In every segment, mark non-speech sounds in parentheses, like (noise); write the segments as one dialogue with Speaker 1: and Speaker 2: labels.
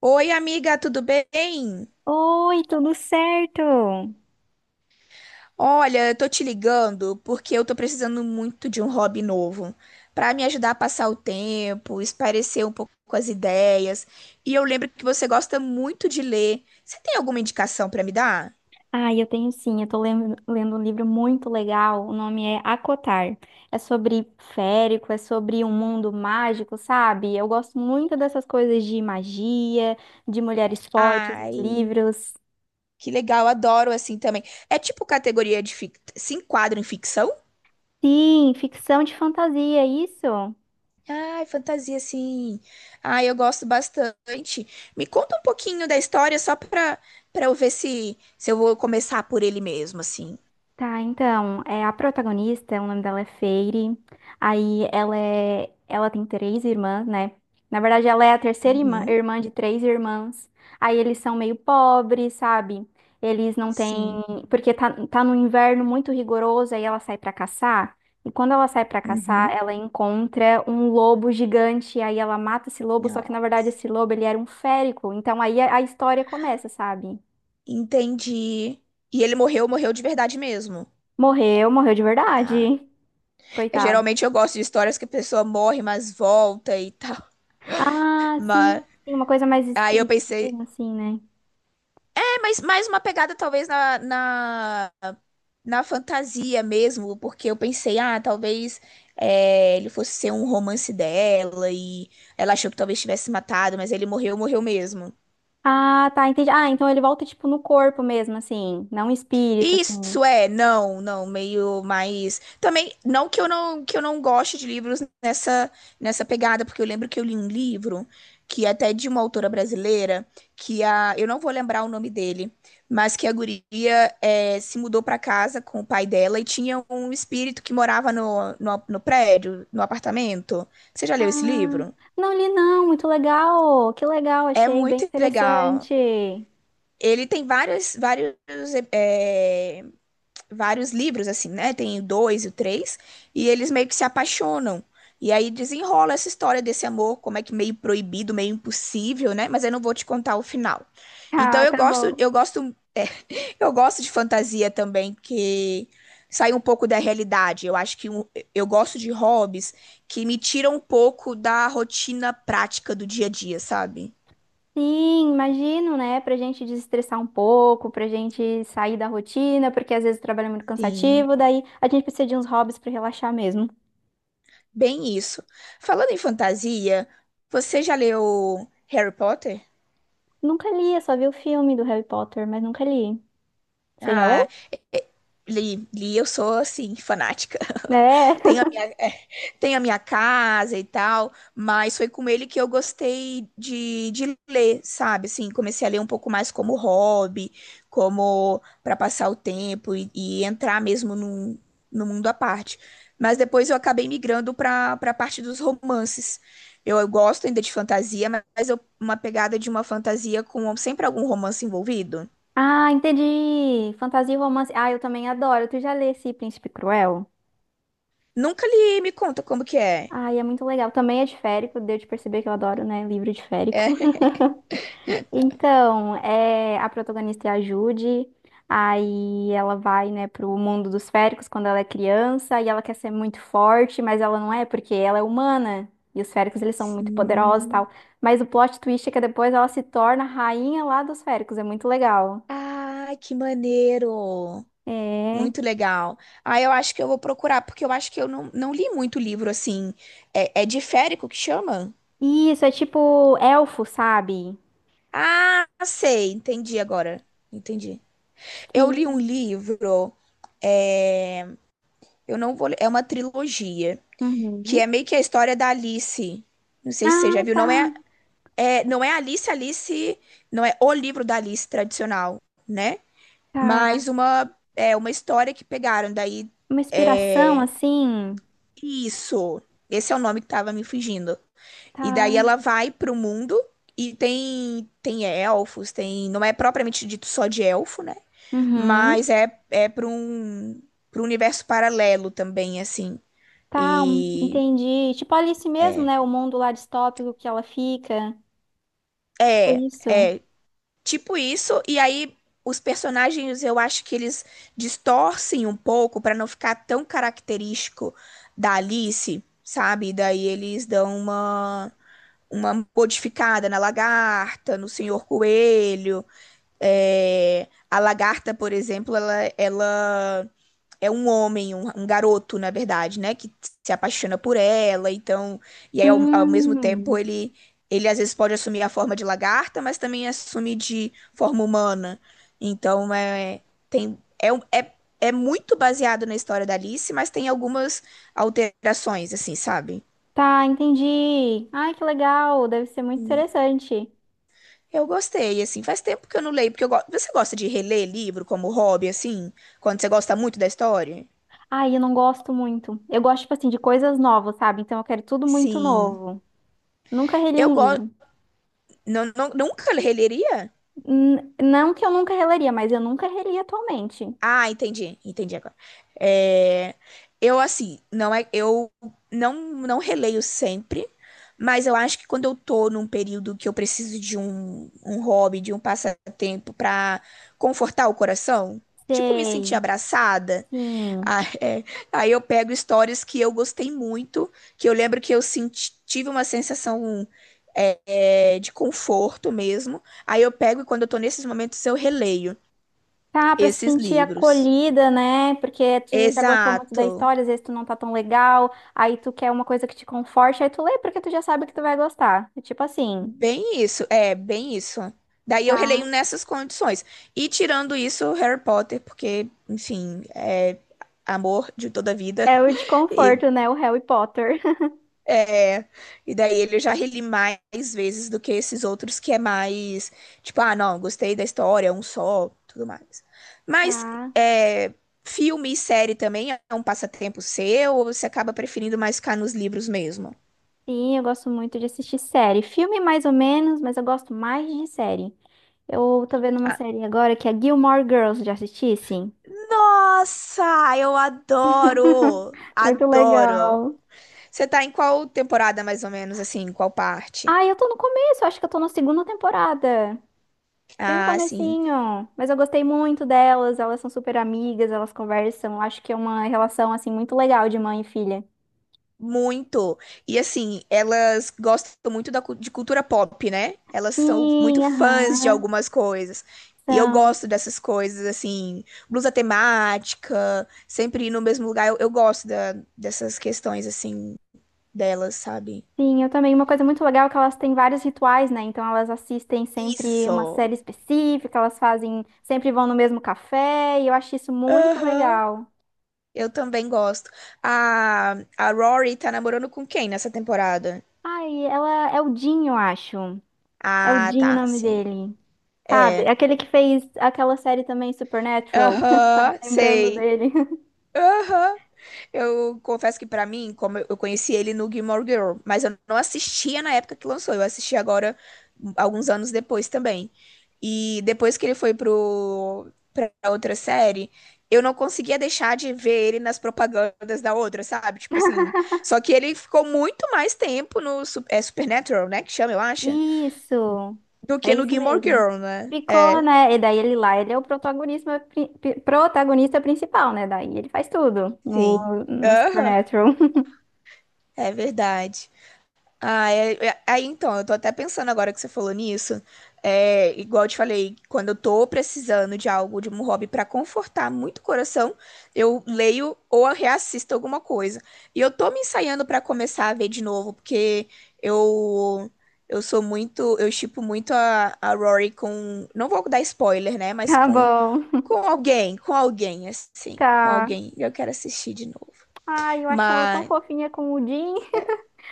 Speaker 1: Oi, amiga, tudo bem?
Speaker 2: Oi, tudo certo?
Speaker 1: Olha, eu tô te ligando porque eu tô precisando muito de um hobby novo pra me ajudar a passar o tempo, espairecer um pouco as ideias. E eu lembro que você gosta muito de ler. Você tem alguma indicação pra me dar?
Speaker 2: Ah, eu tenho sim, eu tô lendo um livro muito legal, o nome é Acotar. É sobre férico, é sobre um mundo mágico, sabe? Eu gosto muito dessas coisas de magia, de mulheres fortes nos
Speaker 1: Ai,
Speaker 2: livros.
Speaker 1: que legal, adoro assim também. É tipo categoria de fic... se enquadra em ficção?
Speaker 2: Sim, ficção de fantasia, é isso?
Speaker 1: Ai, fantasia, sim. Ai, eu gosto bastante. Me conta um pouquinho da história só pra eu ver se eu vou começar por ele mesmo, assim.
Speaker 2: Tá, então, é a protagonista, o nome dela é Feire. Aí ela é, ela tem 3 irmãs, né? Na verdade, ela é a terceira irmã,
Speaker 1: Uhum,
Speaker 2: irmã de 3 irmãs. Aí eles são meio pobres, sabe? Eles não têm,
Speaker 1: sim.
Speaker 2: porque tá, tá no inverno muito rigoroso, aí ela sai pra caçar. E quando ela sai pra caçar,
Speaker 1: Uhum.
Speaker 2: ela encontra um lobo gigante, aí ela mata esse lobo, só que na
Speaker 1: Não.
Speaker 2: verdade esse lobo ele era um férico. Então aí a história começa, sabe?
Speaker 1: Entendi. E ele morreu, morreu de verdade mesmo.
Speaker 2: Morreu, morreu de
Speaker 1: Tá.
Speaker 2: verdade.
Speaker 1: É,
Speaker 2: Coitado.
Speaker 1: geralmente eu gosto de histórias que a pessoa morre, mas volta e tal. (laughs)
Speaker 2: Ah,
Speaker 1: Mas
Speaker 2: sim, sim, uma coisa mais
Speaker 1: aí eu pensei,
Speaker 2: espiritismo, assim, né?
Speaker 1: é, mas mais uma pegada talvez na na fantasia mesmo, porque eu pensei, ah, talvez é, ele fosse ser um romance dela e ela achou que talvez tivesse matado, mas ele morreu, morreu mesmo.
Speaker 2: Ah, tá, entendi. Ah, então ele volta, tipo, no corpo mesmo, assim, não um espírito, assim.
Speaker 1: Isso é, não, não, meio mais. Também, que eu não goste de livros nessa pegada, porque eu lembro que eu li um livro que é até de uma autora brasileira, que a eu não vou lembrar o nome dele, mas que a guria é, se mudou para casa com o pai dela e tinha um espírito que morava no prédio, no apartamento. Você já leu esse
Speaker 2: Ah,
Speaker 1: livro?
Speaker 2: não li não, muito legal, que legal,
Speaker 1: É
Speaker 2: achei bem
Speaker 1: muito legal.
Speaker 2: interessante.
Speaker 1: Ele tem vários é, vários livros, assim, né? Tem o dois e o três, e eles meio que se apaixonam. E aí desenrola essa história desse amor, como é que meio proibido, meio impossível, né? Mas eu não vou te contar o final. Então
Speaker 2: Ah, tá bom.
Speaker 1: eu gosto de fantasia também, que sai um pouco da realidade. Eu acho que eu gosto de hobbies que me tiram um pouco da rotina prática do dia a dia, sabe?
Speaker 2: Sim, imagino, né, pra gente desestressar um pouco, pra gente sair da rotina, porque às vezes o trabalho é muito
Speaker 1: Sim,
Speaker 2: cansativo, daí a gente precisa de uns hobbies pra relaxar mesmo.
Speaker 1: bem isso. Falando em fantasia, você já leu Harry Potter?
Speaker 2: Nunca li, eu só vi o filme do Harry Potter, mas nunca li. Você já
Speaker 1: Ah,
Speaker 2: leu?
Speaker 1: Li, eu sou assim, fanática. (laughs)
Speaker 2: É.
Speaker 1: Tenho a minha, é, tenho a minha casa e tal, mas foi com ele que eu gostei de ler, sabe? Assim, comecei a ler um pouco mais como hobby, como para passar o tempo e entrar mesmo num, no mundo à parte. Mas depois eu acabei migrando para a parte dos romances. Eu gosto ainda de fantasia, mas eu, uma pegada de uma fantasia com sempre algum romance envolvido.
Speaker 2: Ah, entendi. Fantasia e romance. Ah, eu também adoro. Tu já lê esse Príncipe Cruel?
Speaker 1: Nunca li, me conta como que é.
Speaker 2: Ai, é muito legal. Também é de férico, deu de perceber que eu adoro, né? Livro de férico. (laughs) Então, é, a protagonista é a Judy. Aí ela vai, né, pro mundo dos féricos quando ela é criança e ela quer ser muito forte, mas ela não é porque ela é humana. E os féricos, eles são muito poderosos e
Speaker 1: Sim.
Speaker 2: tal. Mas o plot twist é que depois ela se torna a rainha lá dos féricos. É muito legal.
Speaker 1: Ai, que maneiro!
Speaker 2: É.
Speaker 1: Muito legal. Ah, eu acho que eu vou procurar, porque eu acho que eu não, não li muito livro assim. É, é diférico que chama?
Speaker 2: Isso, é tipo elfo, sabe?
Speaker 1: Ah, sei, entendi agora. Entendi. Eu li um
Speaker 2: Sim.
Speaker 1: livro, é, eu não vou, é uma trilogia, que é
Speaker 2: Uhum.
Speaker 1: meio que a história da Alice. Não sei se você
Speaker 2: Ah,
Speaker 1: já viu,
Speaker 2: tá,
Speaker 1: não é, é, não é Alice, não é o livro da Alice tradicional, né?
Speaker 2: tá.
Speaker 1: Mas uma, é uma história que pegaram, daí.
Speaker 2: Uma inspiração
Speaker 1: É,
Speaker 2: assim,
Speaker 1: Isso. Esse é o nome que tava me fugindo. E daí
Speaker 2: tá.
Speaker 1: ela vai pro mundo e tem elfos, tem, não é propriamente dito só de elfo, né?
Speaker 2: Uhum.
Speaker 1: Mas é para um universo paralelo também assim.
Speaker 2: Tá,
Speaker 1: E
Speaker 2: entendi. Tipo Alice mesmo, né? O mundo lá distópico que ela fica. Tipo
Speaker 1: é,
Speaker 2: isso.
Speaker 1: é tipo isso e aí os personagens eu acho que eles distorcem um pouco para não ficar tão característico da Alice, sabe? Daí eles dão uma modificada na lagarta, no senhor coelho. É, a lagarta, por exemplo, ela é um homem, um garoto, na verdade, né? Que se apaixona por ela, então. E aí, ao mesmo tempo,
Speaker 2: Hum.
Speaker 1: ele às vezes pode assumir a forma de lagarta, mas também assume de forma humana. Então, é, tem, é, um- é, é muito baseado na história da Alice, mas tem algumas alterações, assim, sabe?
Speaker 2: Tá, entendi. Ai, que legal. Deve ser muito interessante.
Speaker 1: Eu gostei, assim, faz tempo que eu não leio, porque eu gosto. Você gosta de reler livro como hobby, assim? Quando você gosta muito da história?
Speaker 2: Ai, eu não gosto muito. Eu gosto, tipo assim, de coisas novas, sabe? Então eu quero tudo muito
Speaker 1: Sim.
Speaker 2: novo. Nunca reli
Speaker 1: Eu
Speaker 2: um livro.
Speaker 1: gosto. Não, não- nunca releria?
Speaker 2: Não que eu nunca releria, mas eu nunca reli atualmente.
Speaker 1: Ah, entendi. Entendi agora. É, eu, assim, não é. Eu não, não releio sempre, mas eu acho que quando eu tô num período que eu preciso de um, um hobby, de um passatempo pra confortar o coração, tipo, me sentir
Speaker 2: Sei.
Speaker 1: abraçada.
Speaker 2: Sim.
Speaker 1: Ah, é. Aí eu pego histórias que eu gostei muito, que eu lembro que eu tive uma sensação de conforto mesmo. Aí eu pego e quando eu tô nesses momentos eu releio
Speaker 2: Tá, pra se
Speaker 1: esses
Speaker 2: sentir
Speaker 1: livros.
Speaker 2: acolhida, né? Porque tu já gostou muito da
Speaker 1: Exato.
Speaker 2: história, às vezes tu não tá tão legal, aí tu quer uma coisa que te conforte, aí tu lê porque tu já sabe que tu vai gostar. É tipo assim.
Speaker 1: Bem isso, é, bem isso. Daí eu releio
Speaker 2: Tá.
Speaker 1: nessas condições. E tirando isso, Harry Potter, porque, enfim, é amor de toda a vida.
Speaker 2: É o de
Speaker 1: (laughs) E
Speaker 2: conforto, né? O Harry Potter. (laughs)
Speaker 1: É, e daí ele já reli mais vezes do que esses outros que é mais, tipo, ah, não, gostei da história, é um só, tudo mais. Mas
Speaker 2: Tá.
Speaker 1: é, filme e série também é um passatempo seu ou você acaba preferindo mais ficar nos livros mesmo?
Speaker 2: Sim, eu gosto muito de assistir série. Filme mais ou menos, mas eu gosto mais de série. Eu tô vendo uma
Speaker 1: Ah,
Speaker 2: série agora que é Gilmore Girls, já assisti, sim.
Speaker 1: Nossa, eu adoro!
Speaker 2: Muito
Speaker 1: Adoro!
Speaker 2: legal.
Speaker 1: Você tá em qual temporada, mais ou menos, assim, em qual parte?
Speaker 2: Ah, eu tô no começo, acho que eu tô na segunda temporada. Bem no
Speaker 1: Ah, sim.
Speaker 2: comecinho, mas eu gostei muito delas, elas são super amigas, elas conversam, acho que é uma relação assim muito legal de mãe e filha.
Speaker 1: Muito. E assim, elas gostam muito da, de cultura pop, né? Elas são
Speaker 2: Sim,
Speaker 1: muito fãs de
Speaker 2: aham,
Speaker 1: algumas coisas. E eu gosto
Speaker 2: são.
Speaker 1: dessas coisas, assim, blusa temática, sempre ir no mesmo lugar. Eu gosto dessas questões, assim, delas, sabe?
Speaker 2: Sim, eu também. Uma coisa muito legal é que elas têm vários rituais, né? Então elas assistem sempre uma
Speaker 1: Isso.
Speaker 2: série específica, elas fazem, sempre vão no mesmo café, e eu acho isso muito
Speaker 1: Aham.
Speaker 2: legal.
Speaker 1: Eu também gosto. A, a Rory tá namorando com quem nessa temporada?
Speaker 2: Ai, ela é o Dinho, eu acho. É o
Speaker 1: Ah,
Speaker 2: Dinho o
Speaker 1: tá,
Speaker 2: nome
Speaker 1: sim.
Speaker 2: dele. Sabe?
Speaker 1: É.
Speaker 2: É aquele que fez aquela série também Supernatural. (laughs)
Speaker 1: Aham,
Speaker 2: Lembrando
Speaker 1: sei.
Speaker 2: dele.
Speaker 1: Aham. Eu confesso que pra mim, como eu conheci ele no Gilmore Girl, mas eu não assistia na época que lançou, eu assisti agora um, alguns anos depois também. E depois que ele foi pro para outra série, eu não conseguia deixar de ver ele nas propagandas da outra, sabe? Tipo assim, só que ele ficou muito mais tempo no Supernatural, né, que chama, eu acho,
Speaker 2: Isso.
Speaker 1: do
Speaker 2: É
Speaker 1: que no
Speaker 2: isso
Speaker 1: Gilmore
Speaker 2: mesmo.
Speaker 1: Girl, né?
Speaker 2: Ficou, né? E daí ele lá, ele é o protagonista, protagonista principal, né? Daí ele faz tudo no,
Speaker 1: Sim.
Speaker 2: no
Speaker 1: Aham,
Speaker 2: Supernatural. (laughs)
Speaker 1: é verdade. Ah, é, aí então, eu tô até pensando agora que você falou nisso. É, igual eu te falei, quando eu tô precisando de algo, de um hobby pra confortar muito o coração, eu leio ou eu reassisto alguma coisa. E eu tô me ensaiando pra começar a ver de novo, porque eu sou muito, eu shippo muito a Rory com, não vou dar spoiler, né, mas
Speaker 2: Tá
Speaker 1: com
Speaker 2: bom.
Speaker 1: com
Speaker 2: Tá.
Speaker 1: alguém. Eu quero assistir de novo.
Speaker 2: Ai, eu achava tão fofinha com o Jim,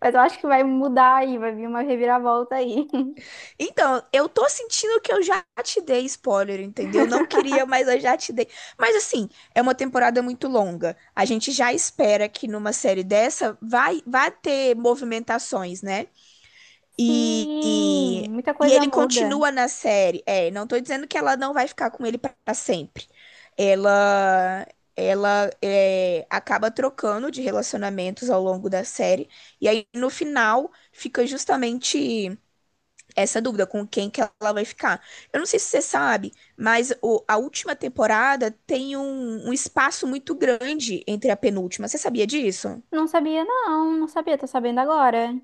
Speaker 2: mas eu acho que vai mudar aí, vai vir uma reviravolta aí. (laughs)
Speaker 1: Então, eu tô sentindo que eu já te dei spoiler, entendeu? Não queria, mas eu já te dei. Mas assim, é uma temporada muito longa. A gente já espera que numa série dessa vai ter movimentações, né? E,
Speaker 2: Sim,
Speaker 1: e,
Speaker 2: muita
Speaker 1: e
Speaker 2: coisa
Speaker 1: ele
Speaker 2: muda.
Speaker 1: continua na série. É, não tô dizendo que ela não vai ficar com ele pra sempre. Ela, Ela é, acaba trocando de relacionamentos ao longo da série. E aí, no final, fica justamente essa dúvida com quem que ela vai ficar. Eu não sei se você sabe, mas a última temporada tem um, um espaço muito grande entre a penúltima. Você sabia disso?
Speaker 2: Não sabia, não, não sabia, tô sabendo agora.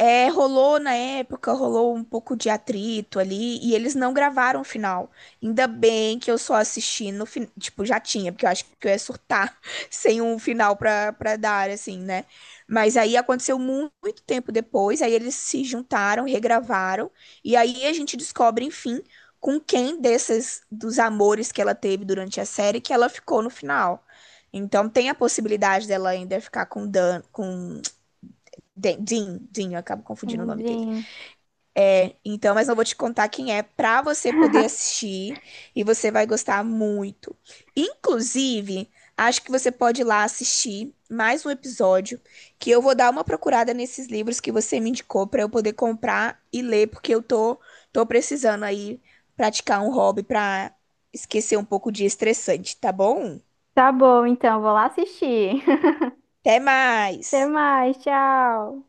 Speaker 1: É, rolou na época, rolou um pouco de atrito ali, e eles não gravaram o final. Ainda bem que eu só assisti no final. Tipo, já tinha, porque eu acho que eu ia surtar (laughs) sem um final pra dar, assim, né? Mas aí aconteceu muito tempo depois, aí eles se juntaram, regravaram, e aí a gente descobre, enfim, com quem desses, dos amores que ela teve durante a série, que ela ficou no final. Então tem a possibilidade dela ainda ficar com Dan, com (tsk) Dean, Dean, eu acabo
Speaker 2: O
Speaker 1: confundindo o nome dele.
Speaker 2: Jim.
Speaker 1: Então, mas não vou te contar quem é pra você poder
Speaker 2: (laughs)
Speaker 1: assistir e você vai gostar muito. Inclusive, acho que você pode ir lá assistir mais um episódio que eu vou dar uma procurada nesses livros que você me indicou pra eu poder comprar e ler, porque eu tô precisando aí praticar um hobby pra esquecer um pouco de estressante, tá bom?
Speaker 2: Tá bom, então, vou lá assistir. (laughs)
Speaker 1: Até
Speaker 2: Até
Speaker 1: mais.
Speaker 2: mais, tchau.